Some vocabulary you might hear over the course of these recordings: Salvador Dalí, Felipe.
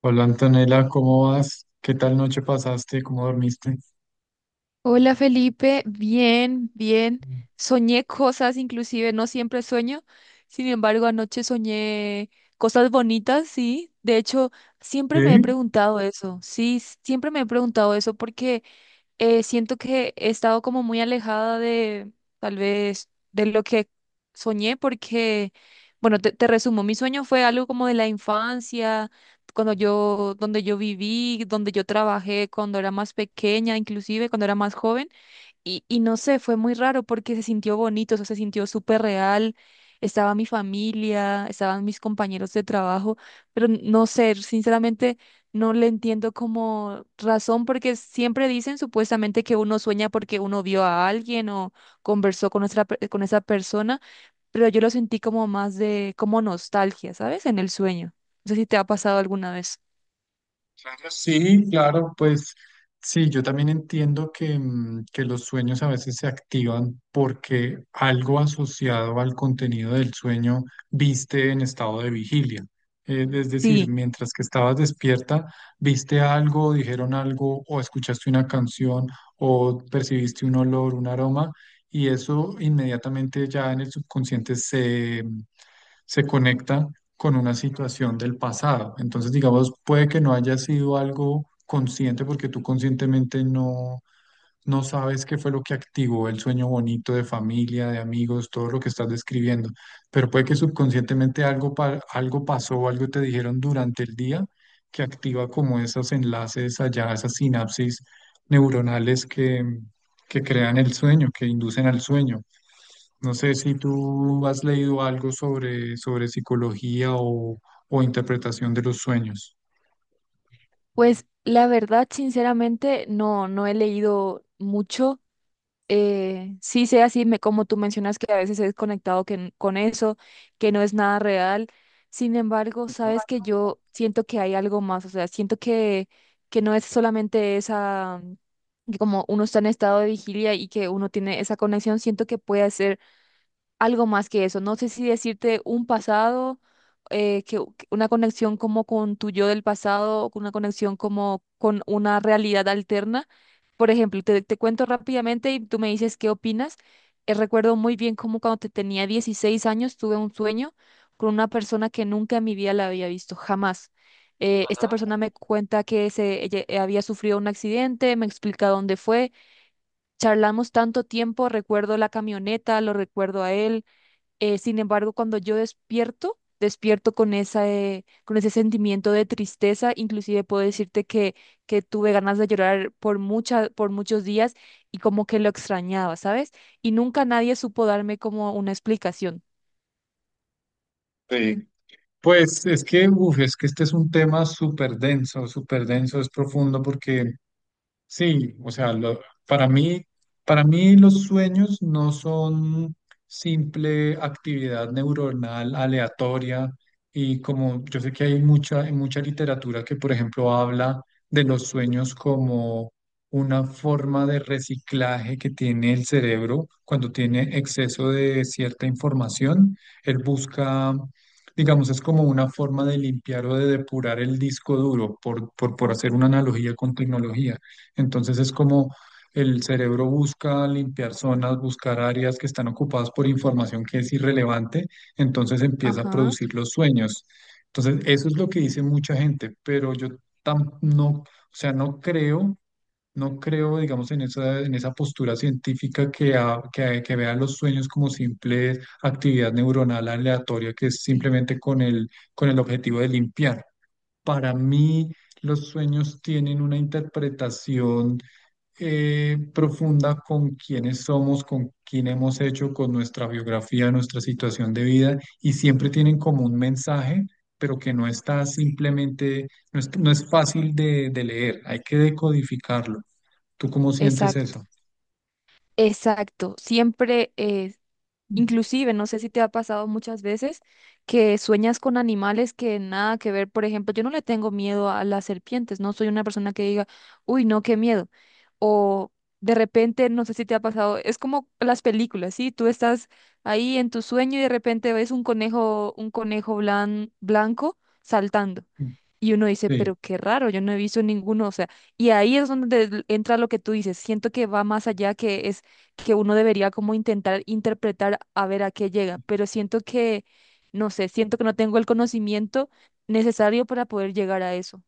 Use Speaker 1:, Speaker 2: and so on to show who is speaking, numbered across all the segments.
Speaker 1: Hola Antonella, ¿cómo vas? ¿Qué tal noche pasaste? ¿Cómo dormiste?
Speaker 2: Hola Felipe, bien, bien. Soñé cosas, inclusive no siempre sueño. Sin embargo, anoche soñé cosas bonitas, sí. De hecho, siempre me he
Speaker 1: Sí,
Speaker 2: preguntado eso, sí, siempre me he preguntado eso porque siento que he estado como muy alejada de tal vez de lo que soñé porque, bueno, te resumo, mi sueño fue algo como de la infancia, cuando yo, donde yo viví, donde yo trabajé, cuando era más pequeña, inclusive cuando era más joven. Y no sé, fue muy raro porque se sintió bonito, eso se sintió súper real. Estaba mi familia, estaban mis compañeros de trabajo, pero no sé, sinceramente no le entiendo como razón porque siempre dicen supuestamente que uno sueña porque uno vio a alguien o conversó con con esa persona, pero yo lo sentí como más de como nostalgia, ¿sabes? En el sueño. No sé si te ha pasado alguna vez.
Speaker 1: claro, sí, claro, pues sí, yo también entiendo que, que los sueños a veces se activan porque algo asociado al contenido del sueño viste en estado de vigilia. Es decir,
Speaker 2: Sí,
Speaker 1: mientras que estabas despierta, viste algo, dijeron algo, o escuchaste una canción, o percibiste un olor, un aroma, y eso inmediatamente ya en el subconsciente se conecta con una situación del pasado. Entonces, digamos, puede que no haya sido algo consciente porque tú conscientemente no, no sabes qué fue lo que activó el sueño bonito de familia, de amigos, todo lo que estás describiendo, pero puede que subconscientemente algo, algo pasó o algo te dijeron durante el día que activa como esos enlaces allá, esas sinapsis neuronales que crean el sueño, que inducen al sueño. No sé si tú has leído algo sobre, sobre psicología o interpretación de los sueños.
Speaker 2: pues la verdad, sinceramente, no, no he leído mucho. Sí sea así, como tú mencionas que a veces he desconectado que con eso, que no es nada real. Sin embargo, sabes que yo siento que hay algo más, o sea, siento que no es solamente esa, que como uno está en estado de vigilia y que uno tiene esa conexión, siento que puede ser algo más que eso. No sé si decirte un pasado, que una conexión como con tu yo del pasado, o con una conexión como con una realidad alterna. Por ejemplo, te cuento rápidamente y tú me dices qué opinas. Recuerdo muy bien cómo cuando te tenía 16 años tuve un sueño con una persona que nunca en mi vida la había visto, jamás. Esta persona me cuenta que se, ella había sufrido un accidente, me explica dónde fue. Charlamos tanto tiempo, recuerdo la camioneta, lo recuerdo a él, sin embargo, cuando yo despierto, despierto con esa, con ese sentimiento de tristeza. Inclusive puedo decirte que tuve ganas de llorar por por muchos días y como que lo extrañaba, ¿sabes? Y nunca nadie supo darme como una explicación.
Speaker 1: Sí, pues es que, uf, es que este es un tema súper denso, es profundo porque sí, o sea, para mí, para mí los sueños no son simple actividad neuronal aleatoria y como yo sé que hay mucha literatura que, por ejemplo, habla de los sueños como una forma de reciclaje que tiene el cerebro cuando tiene exceso de cierta información, él busca, digamos, es como una forma de limpiar o de depurar el disco duro, por hacer una analogía con tecnología. Entonces es como el cerebro busca limpiar zonas, buscar áreas que están ocupadas por información que es irrelevante, entonces empieza a
Speaker 2: Ajá.
Speaker 1: producir los sueños. Entonces eso es lo que dice mucha gente, pero yo no, o sea, no creo, no creo, digamos, en esa postura científica que vea los sueños como simple actividad neuronal aleatoria que es
Speaker 2: Sí.
Speaker 1: simplemente con el objetivo de limpiar. Para mí, los sueños tienen una interpretación profunda con quiénes somos, con quién hemos hecho, con nuestra biografía, nuestra situación de vida, y siempre tienen como un mensaje, pero que no está simplemente, no es, no es fácil de leer, hay que decodificarlo. ¿Tú cómo sientes
Speaker 2: Exacto,
Speaker 1: eso?
Speaker 2: exacto. Siempre, inclusive, no sé si te ha pasado muchas veces que sueñas con animales que nada que ver. Por ejemplo, yo no le tengo miedo a las serpientes, no soy una persona que diga, uy, no, qué miedo. O de repente, no sé si te ha pasado, es como las películas, ¿sí? Tú estás ahí en tu sueño y de repente ves un conejo, un blanco saltando. Y uno dice,
Speaker 1: Sí,
Speaker 2: pero qué raro, yo no he visto ninguno, o sea, y ahí es donde entra lo que tú dices, siento que va más allá, que es que uno debería como intentar interpretar a ver a qué llega, pero siento que, no sé, siento que no tengo el conocimiento necesario para poder llegar a eso.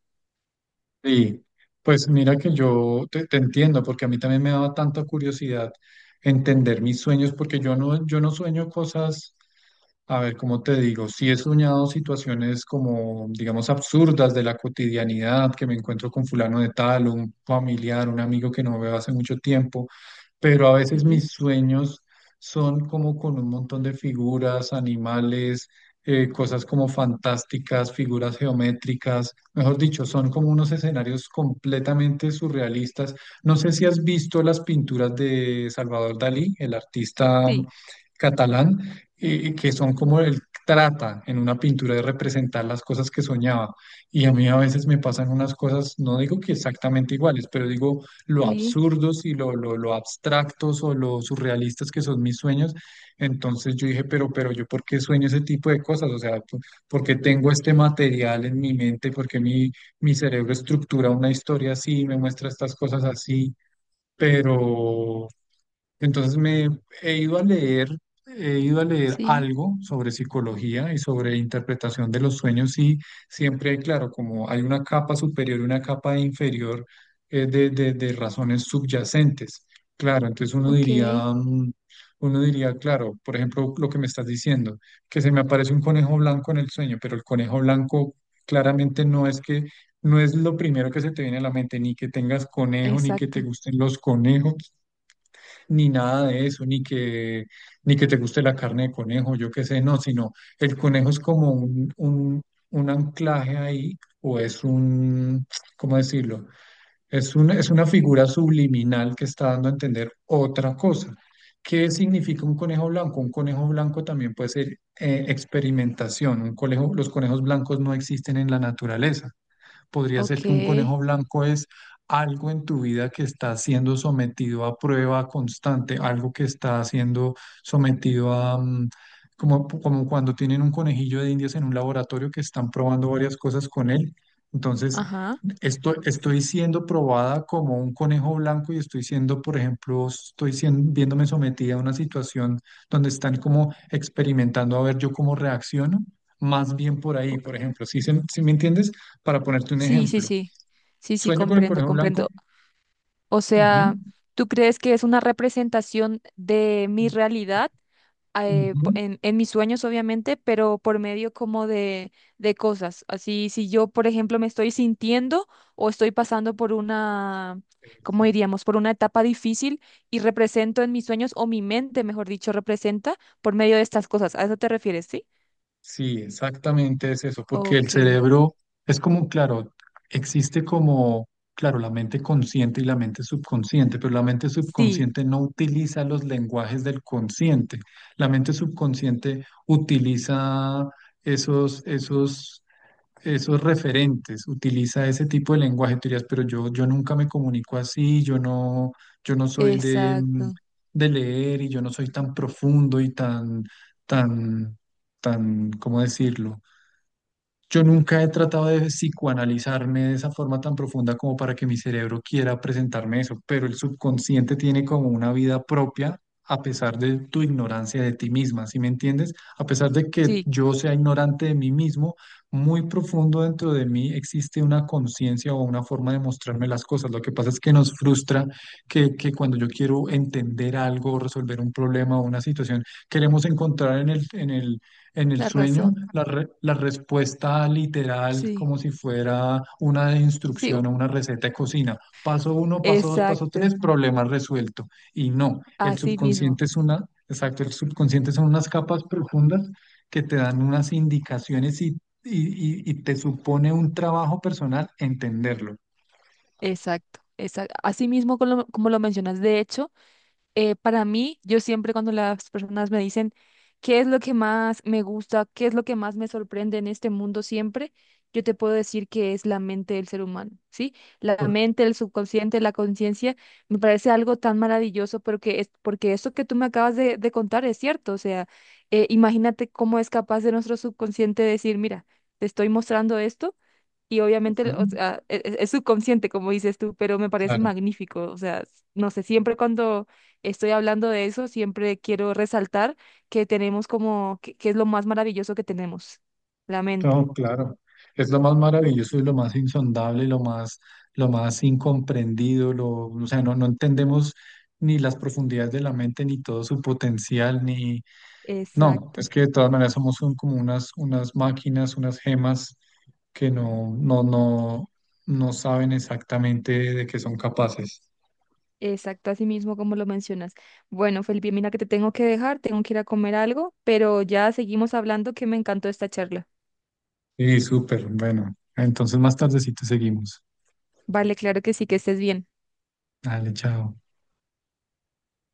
Speaker 1: sí. Pues mira que yo te, te entiendo, porque a mí también me daba tanta curiosidad entender mis sueños, porque yo no, yo no sueño cosas. A ver, ¿cómo te digo? Sí he soñado situaciones como, digamos, absurdas de la cotidianidad, que me encuentro con fulano de tal, un familiar, un amigo que no veo hace mucho tiempo, pero a veces
Speaker 2: Sí,
Speaker 1: mis sueños son como con un montón de figuras, animales, cosas como fantásticas, figuras geométricas, mejor dicho, son como unos escenarios completamente surrealistas. No sé si has visto las pinturas de Salvador Dalí, el artista
Speaker 2: sí,
Speaker 1: catalán que son como él trata en una pintura de representar las cosas que soñaba. Y a mí a veces me pasan unas cosas, no digo que exactamente iguales, pero digo lo
Speaker 2: sí,
Speaker 1: absurdos y lo, lo abstractos o lo surrealistas que son mis sueños. Entonces yo dije, pero yo, ¿por qué sueño ese tipo de cosas? O sea, por qué tengo este material en mi mente? ¿Por qué mi, mi cerebro estructura una historia así, me muestra estas cosas así? Pero entonces me he ido a leer, he ido a leer
Speaker 2: sí,
Speaker 1: algo sobre psicología y sobre interpretación de los sueños y siempre hay claro, como hay una capa superior y una capa inferior de razones subyacentes. Claro, entonces uno
Speaker 2: ok,
Speaker 1: diría, mm, uno diría, claro, por ejemplo, lo que me estás diciendo, que se me aparece un conejo blanco en el sueño, pero el conejo blanco claramente no es que no es lo primero que se te viene a la mente, ni que tengas conejo, ni que te
Speaker 2: exacto,
Speaker 1: gusten los conejos ni nada de eso, ni que, ni que te guste la carne de conejo, yo qué sé, no, sino el conejo es como un anclaje ahí, o es un, ¿cómo decirlo? Es un, es una figura subliminal que está dando a entender otra cosa. ¿Qué significa un conejo blanco? Un conejo blanco también puede ser experimentación. Un conejo, los conejos blancos no existen en la naturaleza, podría
Speaker 2: ok,
Speaker 1: ser que un conejo blanco es algo en tu vida que está siendo sometido a prueba constante, algo que está siendo sometido a, como, como cuando tienen un conejillo de indias en un laboratorio que están probando varias cosas con él. Entonces,
Speaker 2: ajá,
Speaker 1: estoy, estoy siendo probada como un conejo blanco y estoy siendo, por ejemplo, estoy siendo viéndome sometida a una situación donde están como experimentando a ver yo cómo reacciono. Más bien por ahí,
Speaker 2: ok,
Speaker 1: por ejemplo, ¿sí, se si me entiendes? Para ponerte un
Speaker 2: sí, sí,
Speaker 1: ejemplo,
Speaker 2: sí, sí, sí,
Speaker 1: sueño con el
Speaker 2: comprendo,
Speaker 1: conejo blanco.
Speaker 2: comprendo. O
Speaker 1: Ujú,
Speaker 2: sea, ¿tú crees que es una representación de mi realidad?
Speaker 1: ujú.
Speaker 2: En mis sueños, obviamente, pero por medio como de cosas. Así, si yo, por ejemplo, me estoy sintiendo o estoy pasando por una, ¿cómo
Speaker 1: Eso.
Speaker 2: diríamos? Por una etapa difícil y represento en mis sueños, o mi mente, mejor dicho, representa por medio de estas cosas. ¿A eso te refieres, sí?
Speaker 1: Sí, exactamente es eso, porque
Speaker 2: Ok.
Speaker 1: el cerebro es como, claro, existe como, claro, la mente consciente y la mente subconsciente, pero la mente
Speaker 2: Sí,
Speaker 1: subconsciente no utiliza los lenguajes del consciente. La mente subconsciente utiliza esos esos referentes, utiliza ese tipo de lenguaje, tú dirías, pero yo nunca me comunico así, yo no, yo no soy de,
Speaker 2: exacto.
Speaker 1: de leer y yo no soy tan profundo y tan, tan, tan, ¿cómo decirlo? Yo nunca he tratado de psicoanalizarme de esa forma tan profunda como para que mi cerebro quiera presentarme eso, pero el subconsciente tiene como una vida propia a pesar de tu ignorancia de ti misma, ¿sí me entiendes? A pesar de que
Speaker 2: Sí,
Speaker 1: yo sea ignorante de mí mismo, muy profundo dentro de mí existe una conciencia o una forma de mostrarme las cosas. Lo que pasa es que nos frustra que cuando yo quiero entender algo, resolver un problema o una situación, queremos encontrar en el, en el en el
Speaker 2: la
Speaker 1: sueño,
Speaker 2: razón.
Speaker 1: la respuesta literal,
Speaker 2: Sí,
Speaker 1: como si fuera una
Speaker 2: sí,
Speaker 1: instrucción o una receta de cocina. Paso uno, paso dos, paso
Speaker 2: exacto.
Speaker 1: tres, problema resuelto. Y no, el
Speaker 2: Así mismo.
Speaker 1: subconsciente es una, exacto, el subconsciente son unas capas profundas que te dan unas indicaciones y te supone un trabajo personal entenderlo.
Speaker 2: Exacto. Exacto. Así mismo como como lo mencionas. De hecho, para mí, yo siempre cuando las personas me dicen qué es lo que más me gusta, qué es lo que más me sorprende en este mundo siempre, yo te puedo decir que es la mente del ser humano, ¿sí? La mente, el subconsciente, la conciencia, me parece algo tan maravilloso porque es porque eso que tú me acabas de contar es cierto, o sea, imagínate cómo es capaz de nuestro subconsciente decir, mira, te estoy mostrando esto. Y
Speaker 1: Ujú.
Speaker 2: obviamente, o sea, es, subconsciente, como dices tú, pero me parece
Speaker 1: Claro.
Speaker 2: magnífico. O sea, no sé, siempre cuando estoy hablando de eso, siempre quiero resaltar que tenemos como, que es lo más maravilloso que tenemos, la mente.
Speaker 1: No, claro. Es lo más maravilloso y lo más insondable, lo más incomprendido, lo, o sea, no, no entendemos ni las profundidades de la mente, ni todo su potencial, ni... No,
Speaker 2: Exacto,
Speaker 1: es que de todas maneras somos como unas, unas máquinas, unas gemas que no, no, no, no saben exactamente de qué son capaces.
Speaker 2: exacto, así mismo como lo mencionas. Bueno, Felipe, mira que te tengo que dejar, tengo que ir a comer algo, pero ya seguimos hablando que me encantó esta charla.
Speaker 1: Y súper, bueno. Entonces más tardecito seguimos.
Speaker 2: Vale, claro que sí, que estés bien.
Speaker 1: Dale, chao.